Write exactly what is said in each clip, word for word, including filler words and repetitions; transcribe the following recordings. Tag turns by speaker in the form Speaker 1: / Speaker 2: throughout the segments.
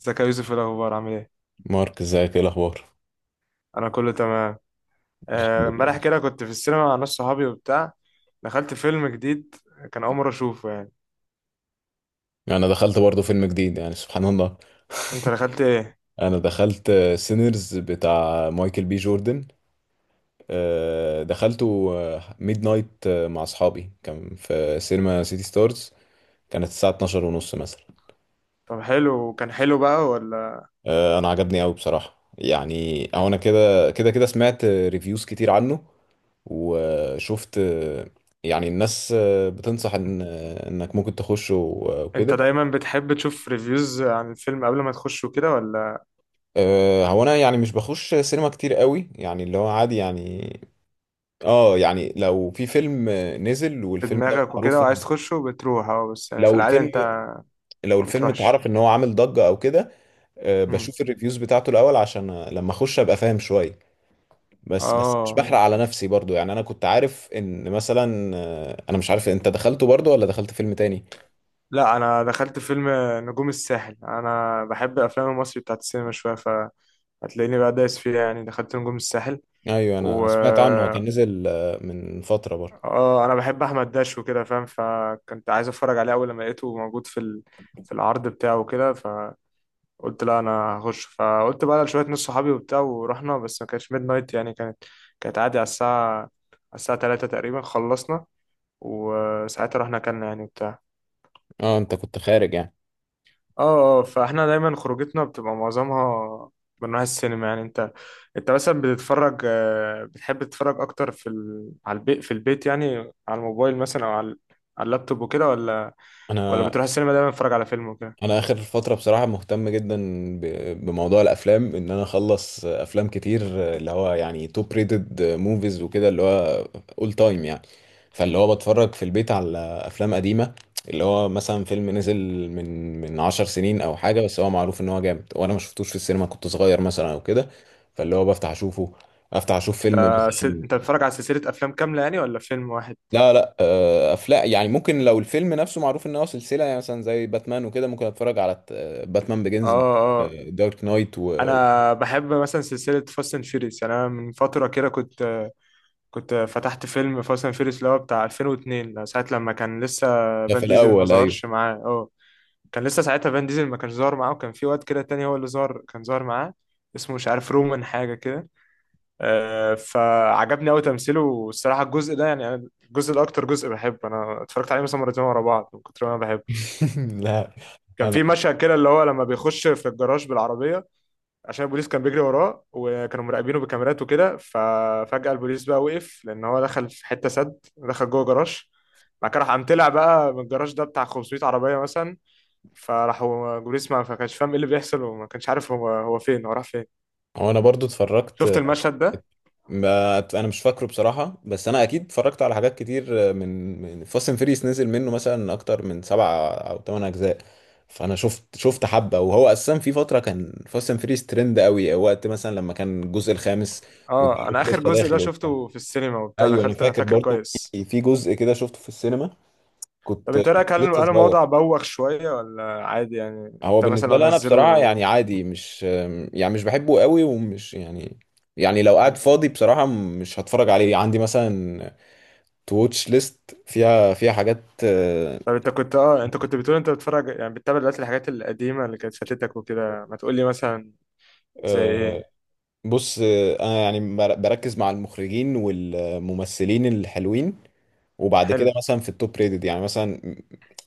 Speaker 1: ازيك يا يوسف؟ ايه الاخبار؟ عامل ايه؟
Speaker 2: مارك، ازيك؟ ايه الاخبار؟
Speaker 1: انا كله تمام.
Speaker 2: الحمد
Speaker 1: آه،
Speaker 2: لله.
Speaker 1: امبارح كده كنت في السينما مع ناس صحابي وبتاع. دخلت فيلم جديد، كان اول مره اشوفه يعني.
Speaker 2: انا دخلت برضه فيلم جديد، يعني سبحان الله.
Speaker 1: انت دخلت ايه؟
Speaker 2: انا دخلت سينرز بتاع مايكل بي جوردن. آه، دخلته ميد نايت مع اصحابي، كان في سينما سيتي ستارز. كانت الساعه اتناشر ونص مثلا.
Speaker 1: طب حلو؟ كان حلو بقى ولا؟
Speaker 2: آه، انا عجبني قوي بصراحه، يعني او انا كده كده كده سمعت ريفيوز كتير عنه وشفت. آه، يعني الناس آه، بتنصح ان آه، انك ممكن تخشه
Speaker 1: انت
Speaker 2: وكده.
Speaker 1: دايما بتحب تشوف ريفيوز عن الفيلم قبل ما تخشه كده ولا؟
Speaker 2: أه، هو انا يعني مش بخش سينما كتير قوي، يعني اللي هو عادي يعني. اه يعني لو في فيلم نزل
Speaker 1: في
Speaker 2: والفيلم ده
Speaker 1: دماغك وكده
Speaker 2: معروف
Speaker 1: وعايز
Speaker 2: إن-
Speaker 1: تخشه بتروح، اه بس يعني في
Speaker 2: لو
Speaker 1: العاده
Speaker 2: الفيلم،
Speaker 1: انت
Speaker 2: لو
Speaker 1: ما
Speaker 2: الفيلم
Speaker 1: بتروحش؟
Speaker 2: اتعرف ان هو عامل ضجة او كده. أه،
Speaker 1: امم
Speaker 2: بشوف الريفيوز بتاعته الاول عشان لما اخش ابقى فاهم شوية. بس بس مش
Speaker 1: اه.
Speaker 2: بحرق على نفسي برضو. يعني انا كنت عارف ان مثلا، آه، انا مش عارف انت دخلته برضو ولا دخلت فيلم تاني.
Speaker 1: لا، انا دخلت فيلم نجوم الساحل. انا بحب افلام المصري بتاعت السينما شويه، فهتلاقيني بقى دايس فيها يعني. دخلت نجوم الساحل
Speaker 2: ايوه، انا
Speaker 1: و
Speaker 2: سمعت عنه. هو كان نزل آه، من فترة برضو.
Speaker 1: اه، انا بحب احمد داش وكده فاهم، فكنت عايز اتفرج عليه اول لما لقيته موجود في ال... في العرض بتاعه وكده. فقلت لا انا هخش، فقلت بقى لشويه ناس صحابي وبتاع ورحنا. بس ما كانتش ميد نايت يعني، كانت كانت عادي على الساعه، على الساعه ثلاثة تقريبا خلصنا، وساعتها رحنا اكلنا يعني وبتاع.
Speaker 2: اه، انت كنت خارج يعني.
Speaker 1: اه اه، فاحنا دايما خروجتنا بتبقى معظمها من نوع السينما يعني. انت، انت مثلا بتتفرج آه، بتحب تتفرج اكتر في ال... على البيت، في البيت يعني، على الموبايل مثلا، او على على اللابتوب وكده، ولا ولا
Speaker 2: انا
Speaker 1: بتروح السينما دايما تتفرج على فيلم وكده؟
Speaker 2: انا اخر فتره بصراحه مهتم جدا ب- بموضوع الافلام، ان انا اخلص افلام كتير، اللي هو يعني توب ريتد موفيز وكده، اللي هو اول تايم يعني. فاللي هو بتفرج في البيت على افلام قديمه، اللي هو مثلا فيلم نزل من من 10 سنين او حاجه، بس هو معروف ان هو جامد وانا ما شفتوش في السينما، كنت صغير مثلا او كده. فاللي هو بفتح اشوفه، افتح اشوف فيلم
Speaker 1: انت س...
Speaker 2: مثلا.
Speaker 1: انت بتتفرج على سلسلة افلام كاملة يعني، ولا فيلم واحد؟
Speaker 2: لا لا، آه، افلام يعني، ممكن لو الفيلم نفسه معروف ان هو سلسله، يعني مثلا زي باتمان وكده ممكن اتفرج على باتمان
Speaker 1: اه
Speaker 2: بيجنز،
Speaker 1: اه.
Speaker 2: دارك نايت و و-
Speaker 1: انا بحب مثلا سلسلة فاست اند فيريس يعني، انا من فترة كده كنت آه، كنت فتحت فيلم فاست اند فيريس اللي هو بتاع الفين واثنين، ساعة لما كان لسه
Speaker 2: ده
Speaker 1: فان
Speaker 2: في
Speaker 1: ديزل ما
Speaker 2: الاول. ايوه.
Speaker 1: ظهرش معاه، اه، كان لسه ساعتها فان ديزل ما كانش ظاهر معاه، وكان في واد كده تاني هو اللي ظهر، كان ظاهر معاه، اسمه مش عارف رومان حاجة كده. آه، فعجبني قوي تمثيله، والصراحة الجزء ده يعني، أنا الجزء ده أكتر جزء بحبه، أنا اتفرجت عليه مثلا مرتين ورا بعض من كتر ما أنا بحبه.
Speaker 2: لا
Speaker 1: كان
Speaker 2: انا،
Speaker 1: في مشهد كده اللي هو لما بيخش في الجراج بالعربية، عشان البوليس كان بيجري وراه وكانوا مراقبينه بكاميرات وكده. ففجأة البوليس بقى وقف لأن هو دخل في حتة سد، دخل جوه جراج. بعد كده راح قام طلع بقى من الجراج ده بتاع خمسميت عربية مثلا، فراحوا جوريس، ما ما كانش فاهم ايه اللي بيحصل، وما كانش عارف هو هو فين، هو راح فين.
Speaker 2: هو انا برضو اتفرجت.
Speaker 1: شفت المشهد ده؟
Speaker 2: ما انا مش فاكره بصراحه، بس انا اكيد اتفرجت على حاجات كتير آه، من من فاست اند فيريس. نزل منه مثلا اكتر من سبع او ثمان اجزاء، فانا شفت شفت حبه. وهو اساسا في فتره كان فاست اند فيريس ترند قوي، وقت مثلا لما كان الجزء الخامس
Speaker 1: اه،
Speaker 2: وجاروك
Speaker 1: انا اخر
Speaker 2: لسه
Speaker 1: جزء ده
Speaker 2: داخل وبتاع.
Speaker 1: شفته في السينما وبتاع،
Speaker 2: ايوه انا
Speaker 1: دخلت انا
Speaker 2: فاكر
Speaker 1: فاكر
Speaker 2: برضو،
Speaker 1: كويس.
Speaker 2: في في جزء كده شفته في السينما،
Speaker 1: طب
Speaker 2: كنت
Speaker 1: انت رايك،
Speaker 2: كنت
Speaker 1: هل
Speaker 2: لسه
Speaker 1: انا
Speaker 2: صغير.
Speaker 1: موضع بوخ شويه ولا عادي يعني؟
Speaker 2: هو
Speaker 1: انت مثلا
Speaker 2: بالنسبه
Speaker 1: لو
Speaker 2: لي انا بصراحه
Speaker 1: نزله؟
Speaker 2: يعني عادي، مش يعني، مش بحبه قوي ومش يعني، يعني لو قاعد
Speaker 1: مم.
Speaker 2: فاضي بصراحه مش هتفرج عليه. عندي مثلا تو واتش ليست، فيها فيها حاجات. آه،
Speaker 1: طب انت كنت، اه، انت كنت بتقول انت بتتفرج يعني بتتابع دلوقتي الحاجات القديمه اللي كانت فاتتك وكده، ما تقول لي مثلا زي
Speaker 2: آه،
Speaker 1: ايه؟
Speaker 2: بص، آه، انا يعني بر- بركز مع المخرجين والممثلين الحلوين، وبعد كده
Speaker 1: حلو.
Speaker 2: مثلا في التوب ريتد يعني، مثلا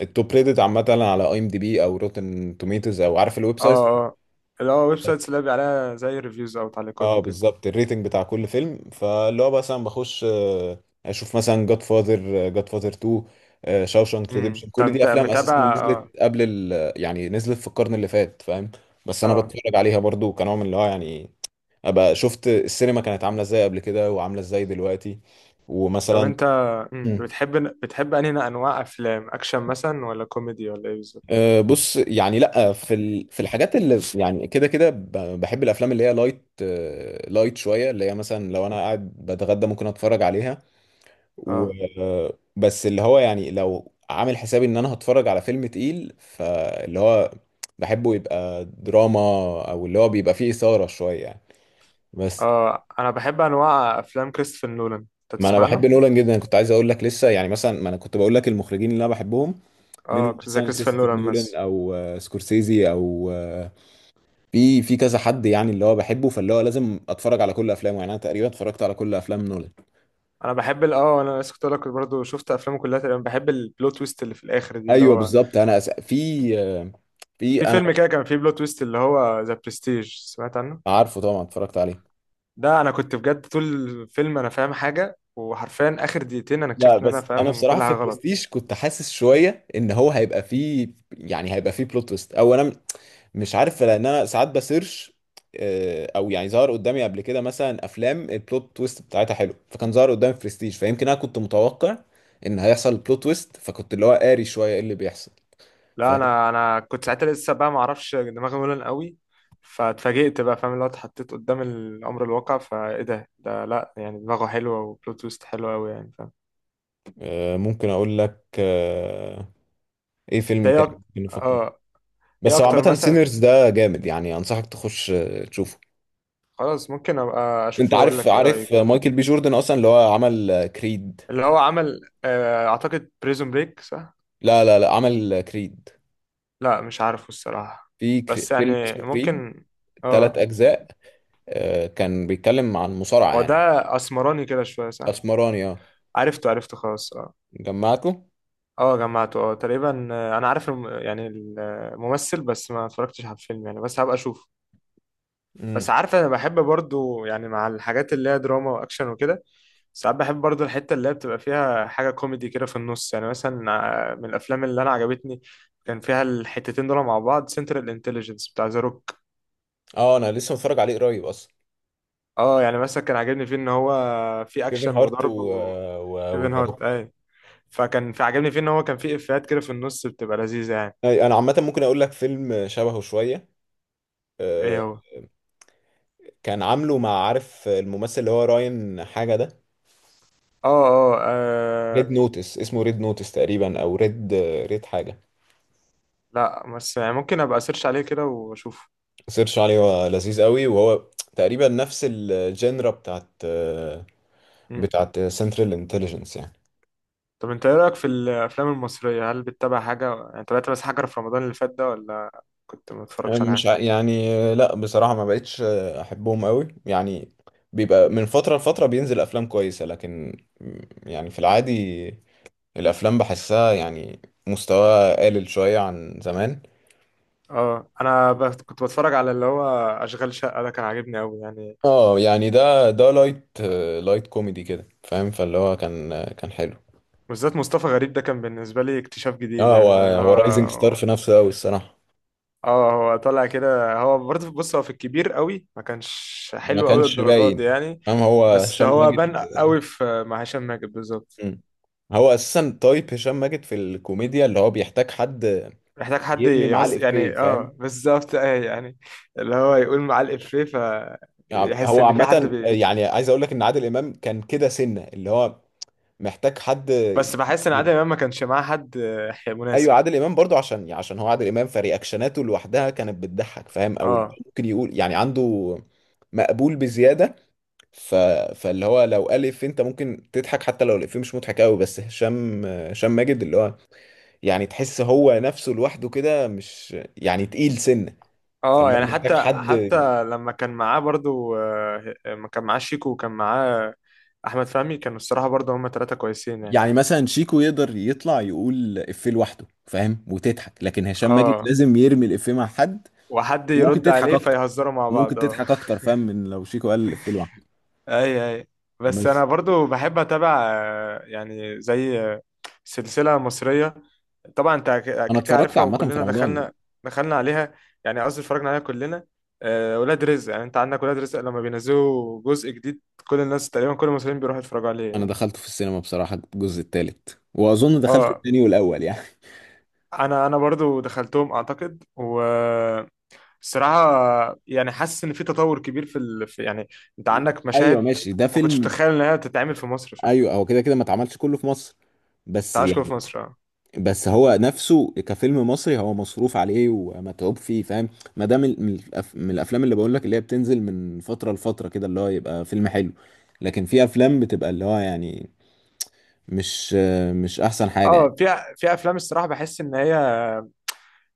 Speaker 2: التوب ريتد عامه على اي ام دي بي او روتن توميتوز، او عارف الويب سايت.
Speaker 1: اه اه. اللي هو ويب سايتس اللي بيبقى عليها زي ريفيوز او تعليقات
Speaker 2: اه
Speaker 1: وكده؟
Speaker 2: بالظبط، الريتنج بتاع كل فيلم. فاللي هو مثلا بخش آه، اشوف مثلا جاد فاذر، جاد فاذر تو، شاوشانك
Speaker 1: امم.
Speaker 2: ريديمشن. كل دي
Speaker 1: انت
Speaker 2: افلام
Speaker 1: متابع؟
Speaker 2: اساسا
Speaker 1: اه
Speaker 2: نزلت قبل ال، يعني نزلت في القرن اللي فات، فاهم. بس انا
Speaker 1: اه.
Speaker 2: بتفرج عليها برضو كنوع من اللي هو يعني ابقى شفت السينما كانت عامله ازاي قبل كده وعامله ازاي دلوقتي.
Speaker 1: طب
Speaker 2: ومثلا،
Speaker 1: انت، مم،
Speaker 2: مم.
Speaker 1: بتحب بتحب انهي انواع افلام؟ اكشن مثلا، ولا كوميدي، ولا ايه بالظبط؟
Speaker 2: آه، بص يعني، لا في ال... في الحاجات اللي يعني كده كده، ب- بحب الافلام اللي هي لايت، آه، لايت شويه، اللي هي مثلا لو انا قاعد بتغدى ممكن اتفرج عليها. و،
Speaker 1: اه
Speaker 2: بس اللي هو يعني لو عامل حسابي ان انا هتفرج على فيلم تقيل، فاللي هو بحبه يبقى دراما، او اللي هو بيبقى فيه اثاره شويه يعني. بس
Speaker 1: اه. انا بحب انواع افلام كريستوفر نولان، انت
Speaker 2: ما انا
Speaker 1: تسمع
Speaker 2: بحب
Speaker 1: عنه؟
Speaker 2: نولان جدا، كنت عايز اقول لك لسه يعني، مثلا ما انا كنت بقول لك المخرجين اللي انا بحبهم، منهم
Speaker 1: اه، زي
Speaker 2: مثلا
Speaker 1: كريستوفر
Speaker 2: كريستوفر
Speaker 1: نولان
Speaker 2: نولان
Speaker 1: مثلا.
Speaker 2: او آه، سكورسيزي او، آه، في في كذا حد يعني اللي هو بحبه، فاللي هو لازم اتفرج على كل افلامه. يعني انا تقريبا اتفرجت على كل افلام نولان.
Speaker 1: انا بحب ال- اه، انا لسه كنت اقول لك برضه، شفت افلامه كلها تقريبا. بحب البلوت تويست اللي في الاخر دي اللي
Speaker 2: ايوه
Speaker 1: هو،
Speaker 2: بالظبط. انا أس... في، آه، في
Speaker 1: في
Speaker 2: انا
Speaker 1: فيلم كده كان فيه بلوت تويست اللي هو ذا برستيج، سمعت عنه؟
Speaker 2: عارفه طبعا، اتفرجت عليه.
Speaker 1: ده انا كنت بجد طول الفيلم انا فاهم حاجه، وحرفيا اخر دقيقتين انا اكتشفت
Speaker 2: لا
Speaker 1: ان انا
Speaker 2: بس انا
Speaker 1: فاهم
Speaker 2: بصراحه
Speaker 1: كل
Speaker 2: في
Speaker 1: حاجه غلط.
Speaker 2: برستيج كنت حاسس شويه ان هو هيبقى فيه، يعني هيبقى فيه بلوت تويست، او انا م- مش عارف، لان انا ساعات بسيرش آه، او يعني ظهر قدامي قبل كده مثلا افلام البلوت تويست بتاعتها حلو، فكان ظهر قدامي برستيج، فيمكن انا كنت متوقع ان هيحصل بلوت تويست، فكنت اللي هو قاري شويه ايه اللي بيحصل.
Speaker 1: لا،
Speaker 2: فاهم.
Speaker 1: انا انا كنت ساعتها لسه بقى ما اعرفش، دماغي ملن قوي. فاتفاجئت بقى فاهم، اللي هو اتحطيت قدام الامر الواقع. فايه ده؟ ده لا يعني دماغه حلوه، وبلوت تويست حلوه قوي يعني، فاهم.
Speaker 2: آه، ممكن اقول لك آه، ايه
Speaker 1: انت
Speaker 2: فيلم
Speaker 1: ايه
Speaker 2: تاني
Speaker 1: أك...
Speaker 2: ممكن نفكر.
Speaker 1: اه، ايه
Speaker 2: بس هو
Speaker 1: اكتر
Speaker 2: عامه
Speaker 1: مثلا؟
Speaker 2: سينرز ده جامد يعني، انصحك تخش آه، تشوفه.
Speaker 1: خلاص، ممكن ابقى
Speaker 2: انت
Speaker 1: اشوفه واقول
Speaker 2: عارف
Speaker 1: لك ايه
Speaker 2: عارف
Speaker 1: رايك يعني.
Speaker 2: مايكل بي جوردن اصلا، اللي هو عمل كريد.
Speaker 1: اللي هو عمل، آه اعتقد بريزون بريك صح؟
Speaker 2: لا لا لا، عمل كريد.
Speaker 1: لا مش عارفه الصراحه.
Speaker 2: في كري...
Speaker 1: بس
Speaker 2: فيلم
Speaker 1: يعني
Speaker 2: اسمه كريد،
Speaker 1: ممكن.
Speaker 2: ثلاث
Speaker 1: اه.
Speaker 2: أجزاء. آه، كان بيتكلم عن مصارعة
Speaker 1: هو ده،
Speaker 2: يعني.
Speaker 1: اسمراني كده شويه صح؟
Speaker 2: أسمراني، اه.
Speaker 1: عرفته، عرفته خلاص. آه.
Speaker 2: جمعته.
Speaker 1: اه جمعته، اه تقريبا. آه، انا عارف الم... يعني الممثل، بس ما اتفرجتش على الفيلم يعني، بس هبقى اشوفه.
Speaker 2: امم،
Speaker 1: بس عارف انا بحب برضو يعني مع الحاجات اللي هي دراما واكشن وكده، ساعات بحب برضو الحتة اللي هي بتبقى فيها حاجة كوميدي كده في النص يعني. مثلا آه، من الافلام اللي انا عجبتني كان فيها الحتتين دول مع بعض، سنترال انتليجنس بتاع ذا روك.
Speaker 2: اه. أنا لسه متفرج عليه قريب أصلا.
Speaker 1: اه يعني مثلا، كان عاجبني فيه ان هو في
Speaker 2: كيفن
Speaker 1: اكشن
Speaker 2: هارت و
Speaker 1: وضرب،
Speaker 2: و
Speaker 1: وكيفن
Speaker 2: وذا
Speaker 1: هارت.
Speaker 2: روك.
Speaker 1: اي، فكان في عاجبني فيه ان هو كان في افيهات كده في النص بتبقى لذيذة يعني.
Speaker 2: أي، أنا عامة ممكن أقول لك فيلم شبهه شوية.
Speaker 1: ايه
Speaker 2: آه،
Speaker 1: هو؟
Speaker 2: كان عامله مع، عارف الممثل اللي هو راين حاجة ده.
Speaker 1: اه اه آه،
Speaker 2: ريد نوتس، اسمه ريد نوتس تقريبا، أو ريد، ريد حاجة.
Speaker 1: لا بس يعني ممكن ابقى اسيرش عليه كده واشوفه.
Speaker 2: سيرش عليه، هو لذيذ قوي. وهو تقريبا نفس الجينرا بتاعت آه،
Speaker 1: مم.
Speaker 2: بتاعت سنترال انتليجنس يعني.
Speaker 1: طب انت ايه رايك في الافلام المصريه؟ هل بتتابع حاجه يعني؟ تابعت بس حاجه في رمضان اللي فات ده، ولا كنت ما بتفرجش على
Speaker 2: مش
Speaker 1: حاجه؟
Speaker 2: ع- يعني لا بصراحة ما بقتش أحبهم قوي يعني. بيبقى من فترة لفترة بينزل أفلام كويسة، لكن يعني في العادي الأفلام بحسها يعني مستواها قلل شوية عن زمان.
Speaker 1: اه، انا بس كنت بتفرج على اللي هو اشغال شقه، ده كان عاجبني قوي يعني.
Speaker 2: اه يعني ده ده لايت، لايت كوميدي كده فاهم، فاللي هو كان كان حلو.
Speaker 1: بالذات مصطفى غريب، ده كان بالنسبه لي اكتشاف جديد
Speaker 2: اه، هو
Speaker 1: يعني، فاهم اللي
Speaker 2: هو رايزنج ستار
Speaker 1: هو.
Speaker 2: في نفسه قوي الصراحة.
Speaker 1: اه، هو طالع كده هو برضه. بص، هو في الكبير قوي ما كانش
Speaker 2: ما
Speaker 1: حلو قوي
Speaker 2: كانش
Speaker 1: للدرجات دي
Speaker 2: باين
Speaker 1: يعني،
Speaker 2: فاهم، هو
Speaker 1: بس
Speaker 2: هشام
Speaker 1: هو
Speaker 2: ماجد.
Speaker 1: بان قوي في مع هشام ماجد بالظبط.
Speaker 2: مم. هو اساسا تايب هشام ماجد في الكوميديا اللي هو بيحتاج حد
Speaker 1: محتاج حد
Speaker 2: يرمي معاه
Speaker 1: يهص
Speaker 2: الافيه
Speaker 1: يعني،
Speaker 2: فاهم.
Speaker 1: اه بالظبط، اه يعني اللي هو يقول معاه الإفيه
Speaker 2: يعني
Speaker 1: فيحس
Speaker 2: هو
Speaker 1: إن في حد
Speaker 2: عامه
Speaker 1: بي...
Speaker 2: يعني عايز اقول لك ان عادل امام كان كده سنه، اللي هو محتاج حد
Speaker 1: بس بحس إن عادل
Speaker 2: يرمي.
Speaker 1: إمام ما كانش معاه حد آه،
Speaker 2: ايوه
Speaker 1: مناسب.
Speaker 2: عادل امام برضو، عشان يعني عشان هو عادل امام فرياكشناته لوحدها كانت بتضحك فاهم، او
Speaker 1: اه
Speaker 2: ممكن يقول يعني عنده مقبول بزياده، ف... فاللي هو لو الف انت ممكن تضحك حتى لو الافيه مش مضحك قوي. بس هشام، هشام ماجد اللي هو يعني تحس هو نفسه لوحده كده مش يعني تقيل سنة.
Speaker 1: اه،
Speaker 2: فاللي هو
Speaker 1: يعني
Speaker 2: محتاج
Speaker 1: حتى،
Speaker 2: حد.
Speaker 1: حتى لما كان معاه برضو آه، ما كان معاه شيكو، وكان معاه أحمد فهمي، كانوا الصراحة برضو هما ثلاثة كويسين يعني.
Speaker 2: يعني مثلا شيكو يقدر يطلع يقول إفيه لوحده فاهم وتضحك، لكن هشام ماجد
Speaker 1: اه،
Speaker 2: لازم يرمي الإفيه مع حد.
Speaker 1: وحد
Speaker 2: وممكن
Speaker 1: يرد
Speaker 2: تضحك
Speaker 1: عليه
Speaker 2: أكتر،
Speaker 1: فيهزروا مع
Speaker 2: وممكن
Speaker 1: بعض، اه.
Speaker 2: تضحك أكتر فاهم من لو شيكو قال الإفيه لوحده.
Speaker 1: اي اي. بس
Speaker 2: بس
Speaker 1: انا برضو بحب اتابع آه، يعني زي آه، سلسلة مصرية، طبعا انت ك-
Speaker 2: أنا
Speaker 1: كيكه
Speaker 2: اتفرجت
Speaker 1: عارفها
Speaker 2: عامة في
Speaker 1: وكلنا
Speaker 2: رمضان.
Speaker 1: دخلنا، دخلنا عليها، يعني قصدي اتفرجنا عليها كلنا. آه، ولاد رزق يعني، انت عندك ولاد رزق لما بينزلوا جزء جديد، كل الناس تقريبا، كل المصريين بيروحوا يتفرجوا عليه
Speaker 2: أنا
Speaker 1: يعني.
Speaker 2: دخلت في السينما بصراحة الجزء التالت، وأظن دخلت
Speaker 1: اه،
Speaker 2: التاني والأول يعني.
Speaker 1: انا انا برضو دخلتهم اعتقد، والصراحه يعني حاسس ان في تطور كبير في، ال... في يعني، انت عندك
Speaker 2: أيوه
Speaker 1: مشاهد
Speaker 2: ماشي، ده
Speaker 1: ما كنتش
Speaker 2: فيلم.
Speaker 1: متخيل انها تتعمل في مصر، فاهم؟
Speaker 2: أيوه هو كده كده ما اتعملش كله في مصر،
Speaker 1: انت
Speaker 2: بس
Speaker 1: عايش
Speaker 2: يعني،
Speaker 1: في مصر، اه.
Speaker 2: بس هو نفسه كفيلم مصري هو مصروف عليه ومتعوب فيه فاهم. ما ده من من الأف- من الافلام اللي بقول لك اللي هي بتنزل من فتره لفتره كده، اللي هو يبقى فيلم حلو. لكن في افلام بتبقى اللي هو يعني، مش مش احسن حاجه يعني.
Speaker 1: اه، في في افلام الصراحه بحس ان هي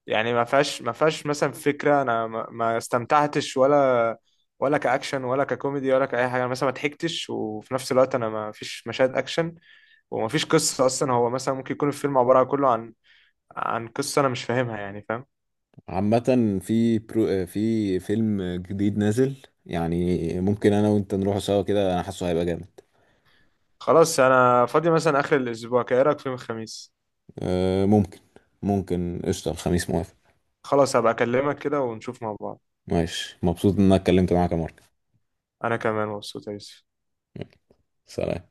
Speaker 1: يعني ما فيهاش، ما فيهاش مثلا فكره، انا ما ما استمتعتش، ولا ولا كاكشن، ولا ككوميدي، ولا كاي حاجه. أنا مثلا ما ضحكتش، وفي نفس الوقت انا ما فيش مشاهد اكشن، وما فيش قصه اصلا. هو مثلا ممكن يكون الفيلم عباره كله عن، عن قصه انا مش فاهمها يعني، فاهم.
Speaker 2: عامه في برو، في فيلم جديد نازل، يعني ممكن انا وانت نروح سوا كده، انا حاسه هيبقى جامد.
Speaker 1: خلاص، انا فاضي مثلا اخر الاسبوع، كايه رايك في يوم الخميس؟
Speaker 2: أه، ممكن، ممكن قشطه، الخميس موافق.
Speaker 1: خلاص، هبقى اكلمك كده ونشوف مع بعض.
Speaker 2: ماشي، مبسوط ان انا اتكلمت معاك يا مارك.
Speaker 1: انا كمان مبسوط يا يوسف.
Speaker 2: يلا، سلام.